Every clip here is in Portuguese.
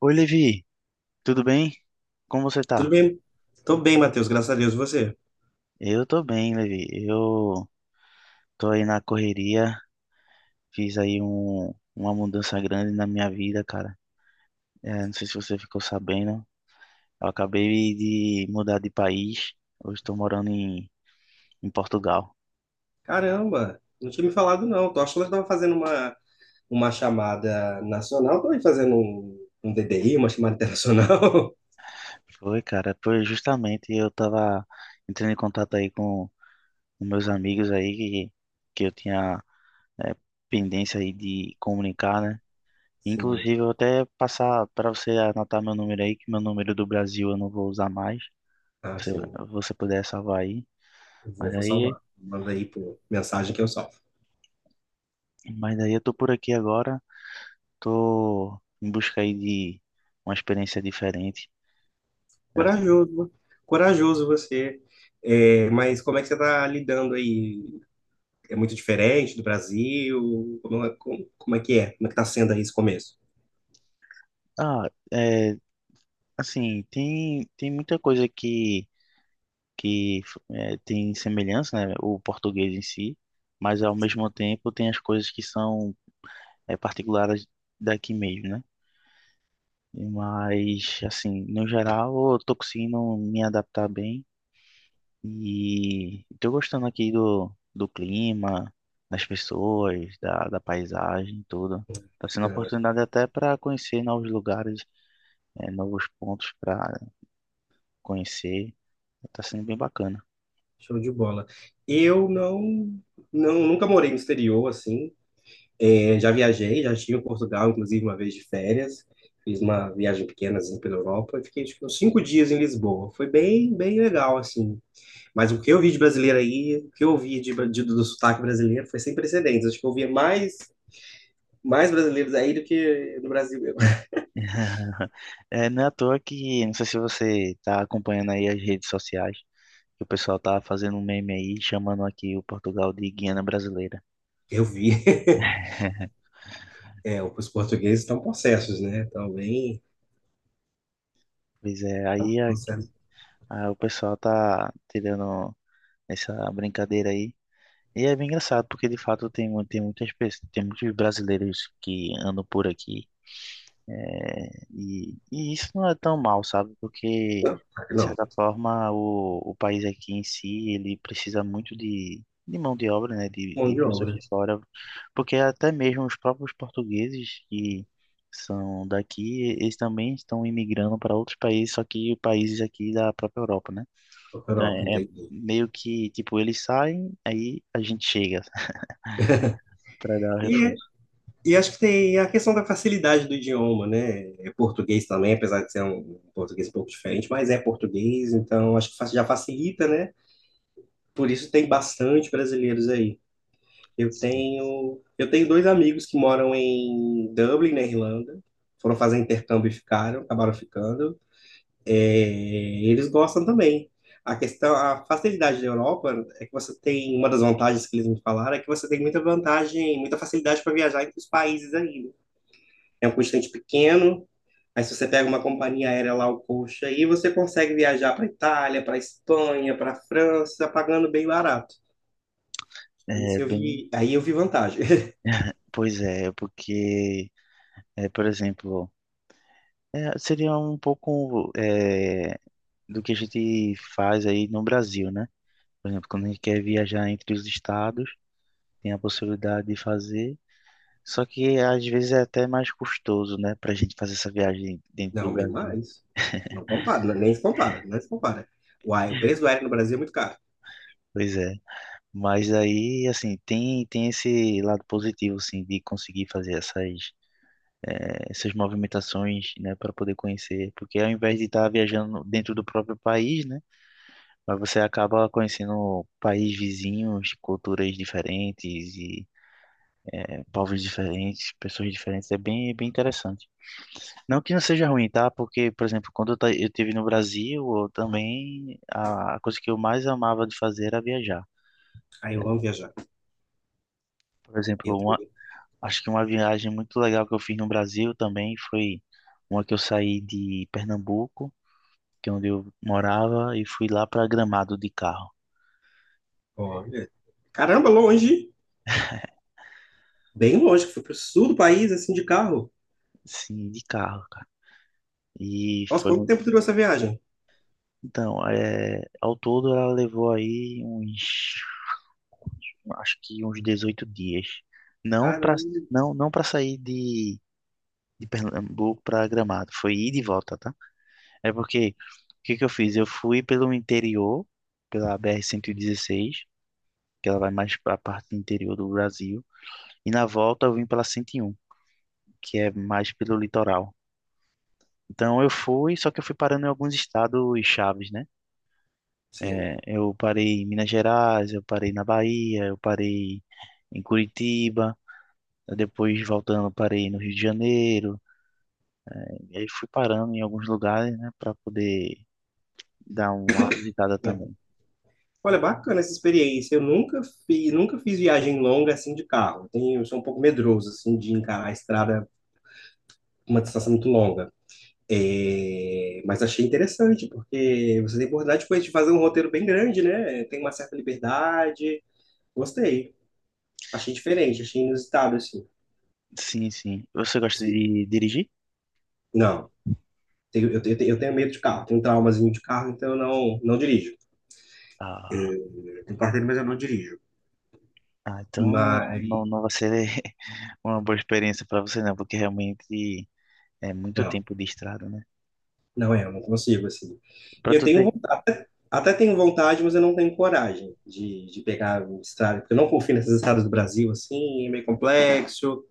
Oi, Levi, tudo bem? Como você Tudo tá? bem? Tô bem, Matheus, graças a Deus. E você? Eu tô bem, Levi. Eu tô aí na correria, fiz aí uma mudança grande na minha vida, cara. É, não sei se você ficou sabendo, eu acabei de mudar de país. Hoje estou morando em Portugal. Caramba, não tinha me falado não. Tô achando que tava fazendo uma chamada nacional, tô aí fazendo um DDI, uma chamada internacional. Foi, cara, foi justamente eu tava entrando em contato aí com meus amigos aí que eu tinha é, pendência aí de comunicar, né? Sim, Inclusive, eu vou até passar para você anotar meu número aí, que meu número do Brasil eu não vou usar mais. ah, Se Você, sim. você puder salvar aí. Vou, Mas vou aí, salvar. Manda aí por mensagem que eu salvo. mas aí eu tô por aqui agora, tô em busca aí de uma experiência diferente. Corajoso, corajoso você. É, mas como é que você tá lidando aí? É muito diferente do Brasil? Como é que é? Como é que tá sendo aí esse começo? Ah, é, assim, tem muita coisa que tem semelhança, né? O português em si, mas ao mesmo tempo tem as coisas que são particulares daqui mesmo, né? Mas, assim, no geral, eu tô conseguindo me adaptar bem e tô gostando aqui do clima, das pessoas, da paisagem, tudo. Tá sendo uma oportunidade até para conhecer novos lugares, novos pontos para conhecer. Tá sendo bem bacana. Show de bola. Eu não nunca morei no exterior assim. É, já viajei, já estive em Portugal, inclusive uma vez de férias. Fiz uma viagem pequena assim, pela Europa e fiquei acho que uns 5 dias em Lisboa. Foi bem, bem legal assim. Mas o que eu vi de brasileiro aí, o que eu vi do sotaque brasileiro foi sem precedentes. Acho que eu via mais brasileiros aí do que no Brasil mesmo. É, não é à toa que, não sei se você tá acompanhando aí as redes sociais, que o pessoal tá fazendo um meme aí, chamando aqui o Portugal de Guiana Brasileira. Eu vi. É, os portugueses estão possessos, né? Estão bem, Pois é, estão aí aqui possessos. Aí o pessoal tá tirando essa brincadeira aí. E é bem engraçado, porque de fato tem, tem muitas pessoas, tem muitos brasileiros que andam por aqui. E isso não é tão mal, sabe? Porque, Não, de não, certa forma, o país aqui em si, ele precisa muito de mão de obra, né? De, mão de de pessoas obra. de fora. Porque até mesmo os próprios portugueses que são daqui, eles também estão imigrando para outros países, só que países aqui da própria Europa, né? Então Europa, é entendi. meio que, tipo, eles saem, aí a gente chega para dar o reforço. E acho que tem a questão da facilidade do idioma, né? É português também, apesar de ser um português um pouco diferente, mas é português, então acho que já facilita, né? Por isso tem bastante brasileiros aí. Eu Sim. tenho, eu tenho dois amigos que moram em Dublin, na Irlanda. Foram fazer intercâmbio e ficaram, acabaram ficando. É, eles gostam também. A questão, a facilidade da Europa é que você tem, uma das vantagens que eles me falaram é que você tem muita vantagem, muita facilidade para viajar entre os países aí, né? É um constante pequeno. Aí se você pega uma companhia aérea lá, o coxa, aí você consegue viajar para Itália, para Espanha, para França, pagando bem barato. É Isso eu bem, vi, aí eu vi vantagem. pois é, porque, por exemplo, seria um pouco do que a gente faz aí no Brasil, né? Por exemplo, quando a gente quer viajar entre os estados, tem a possibilidade de fazer, só que às vezes é até mais custoso, né, para a gente fazer essa viagem dentro do Não, bem Brasil. mais. Não compara, é nem se compara, não se compara. Uai, o preço do aéreo no Brasil é muito caro. Pois é. Mas aí, assim, tem esse lado positivo, assim, de conseguir fazer essas movimentações, né, para poder conhecer. Porque ao invés de estar viajando dentro do próprio país, né, mas você acaba conhecendo países vizinhos, culturas diferentes e povos diferentes, pessoas diferentes. É bem interessante. Não que não seja ruim, tá? Porque, por exemplo, quando eu estive no Brasil, eu também a coisa que eu mais amava de fazer era viajar. Aí eu amo viajar. Por exemplo, Eu um fui, Acho que uma viagem muito legal que eu fiz no Brasil também foi uma que eu saí de Pernambuco, que é onde eu morava, e fui lá para Gramado de carro. olha, caramba, longe, bem longe, que fui pro sul do país, assim, de carro. Sim, de carro, cara. E Nossa, foi. quanto mu- tempo durou essa viagem? Então, ao todo ela levou aí uns. Acho que uns 18 dias. Não para Caramba, não, para sair de, Pernambuco para Gramado. Foi ir de volta, tá? É porque. O que que eu fiz? Eu fui pelo interior, pela BR-116, que ela vai mais para a parte interior do Brasil. E na volta eu vim pela 101, que é mais pelo litoral. Então eu fui, só que eu fui parando em alguns estados chaves, né? sim. Eu parei em Minas Gerais, eu parei na Bahia, eu parei em Curitiba, depois voltando eu parei no Rio de Janeiro. E aí fui parando em alguns lugares, né, para poder dar uma visitada também. Olha, bacana essa experiência. Eu nunca fiz, nunca fiz viagem longa assim de carro. Eu sou um pouco medroso assim de encarar a estrada uma distância muito longa. É, mas achei interessante porque você tem oportunidade depois de fazer um roteiro bem grande, né? Tem uma certa liberdade. Gostei. Achei diferente, achei inusitado assim. Sim, sim. Você gosta Sim. de dirigir? Não, eu tenho medo de carro, tenho um traumazinho de carro, então eu não dirijo. Ah. Eu tenho carteira, mas eu não dirijo. Ah, Mas então não vai ser uma boa experiência para você não, porque realmente é muito não. tempo de estrada, né? Não é, eu não consigo, assim. Para Eu tu tenho ter. vontade, até tenho vontade, mas eu não tenho coragem de pegar um estrada, porque eu não confio nessas estradas do Brasil, assim, é meio complexo.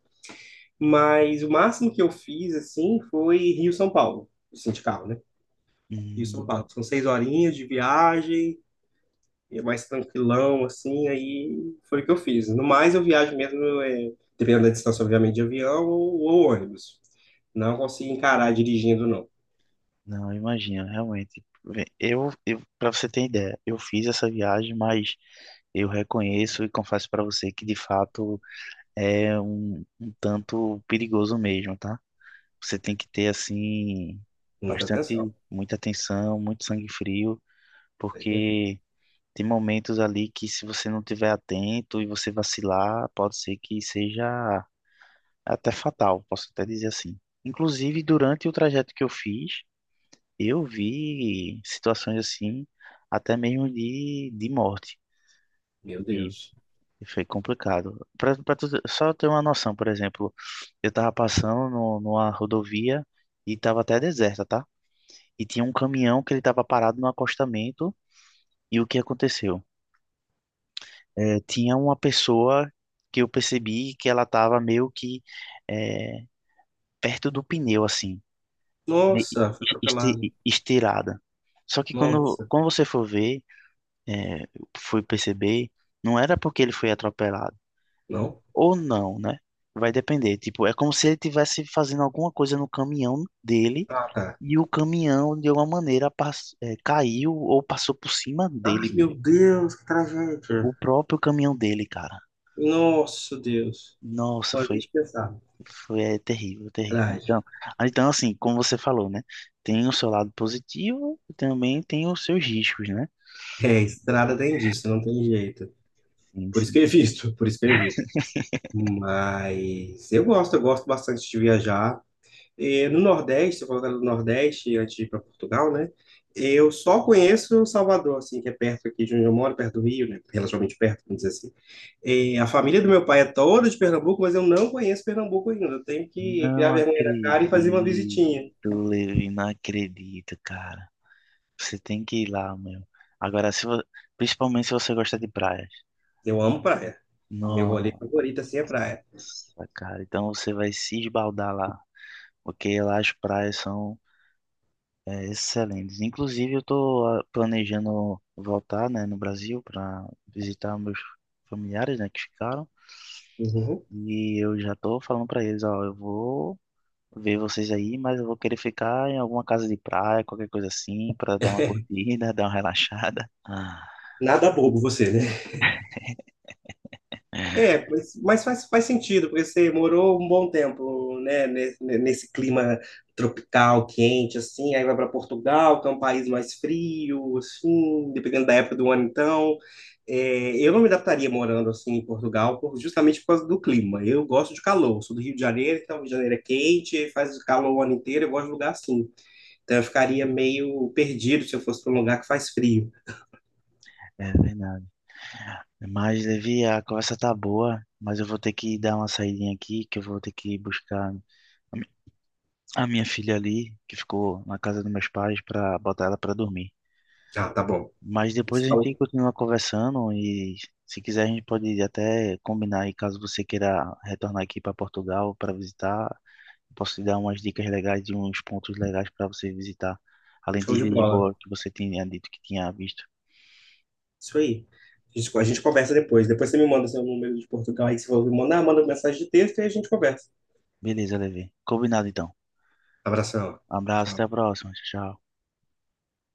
Mas o máximo que eu fiz, assim, foi Rio-São Paulo, assim, de carro, né? Rio-São hum, Paulo. São 6 horinhas de viagem, é mais tranquilão, assim, aí foi o que eu fiz. No mais, eu viajo mesmo, é, dependendo da distância, obviamente, de avião ou ônibus. Não consigo encarar dirigindo, não. não, imagina, realmente. Vê, eu para você ter ideia, eu fiz essa viagem, mas eu reconheço e confesso para você que de fato é um tanto perigoso mesmo, tá? Você tem que ter assim Muita atenção. bastante muita atenção, muito sangue frio, Pois é. porque. Tem momentos ali que se você não tiver atento e você vacilar, pode ser que seja até fatal, posso até dizer assim. Inclusive, durante o trajeto que eu fiz, eu vi situações assim, até mesmo de morte. Meu E Deus. foi complicado. Pra tu, só ter uma noção, por exemplo, eu tava passando no, numa rodovia e tava até deserta, tá? E tinha um caminhão que ele tava parado no acostamento e o que aconteceu? Tinha uma pessoa que eu percebi que ela estava meio que eh, perto do pneu, assim, de- Nossa, foi atropelado. estirada. Só que quando, Nossa, quando você for ver, eh, fui perceber, não era porque ele foi atropelado, não? ou não, né? Vai depender. Tipo, é como se ele estivesse fazendo alguma coisa no caminhão dele Ah, tá. e o caminhão, de alguma maneira, caiu ou passou por cima dele, Ai, meu. meu Deus, que O tragédia. próprio caminhão dele, cara. Nossa, Deus. Nossa, Pode foi. nem pensar. Foi, é terrível, terrível. Trágico. Então, assim, como você falou, né? Tem o seu lado positivo e também tem os seus riscos, né? É, estrada tem disso, não tem jeito. Sim, Por isso que sim. eu evito, por isso que eu evito. Mas eu gosto bastante de viajar. E no Nordeste, se eu colocando no Nordeste, antes de ir para Portugal, né? Eu só conheço Salvador, assim, que é perto aqui de onde eu moro, perto do Rio, né? Relativamente perto, vamos dizer assim. E a família do meu pai é toda de Pernambuco, mas eu não conheço Pernambuco ainda. Eu tenho que criar Não vergonha na cara e fazer uma acredito, visitinha. Levi, não acredito, cara. Você tem que ir lá, meu. Agora, se vo- principalmente se você gosta de praias. Eu amo praia. Meu rolê Nossa, favorito, assim, é praia. cara. Então você vai se esbaldar lá. Porque lá as praias são excelente. Inclusive, eu estou planejando voltar, né, no Brasil para visitar meus familiares, né, que ficaram. Uhum. E eu já estou falando para eles, ó, eu vou ver vocês aí, mas eu vou querer ficar em alguma casa de praia, qualquer coisa assim, para dar uma curtida, dar uma relaxada. Ah, Nada bobo você, né? É, mas faz, faz sentido, porque você morou um bom tempo, né, nesse clima tropical, quente, assim, aí vai para Portugal, que é um país mais frio, assim, dependendo da época do ano, então. É, eu não me adaptaria morando assim em Portugal, justamente por causa do clima. Eu gosto de calor, sou do Rio de Janeiro, então o Rio de Janeiro é quente, faz calor o ano inteiro, eu gosto de lugar assim. Então eu ficaria meio perdido se eu fosse para um lugar que faz frio. é verdade. Mas, Levi, a conversa tá boa, mas eu vou ter que dar uma saidinha aqui, que eu vou ter que buscar a mi- a minha filha ali, que ficou na casa dos meus pais, para botar ela para dormir. Ah, tá bom. Mas depois Você a gente falou, continua conversando e se quiser a gente pode até combinar aí caso você queira retornar aqui para Portugal para visitar, posso te dar umas dicas legais de uns pontos legais para você visitar, além de show de bola. Lisboa que você tinha dito que tinha visto. Isso aí. A gente conversa depois. Depois você me manda seu número de Portugal aí, que você falou, me manda, manda mensagem de texto e a gente conversa. Beleza, Levi. Combinado então. Abração. Abraço, até Tchau. a próxima. Tchau.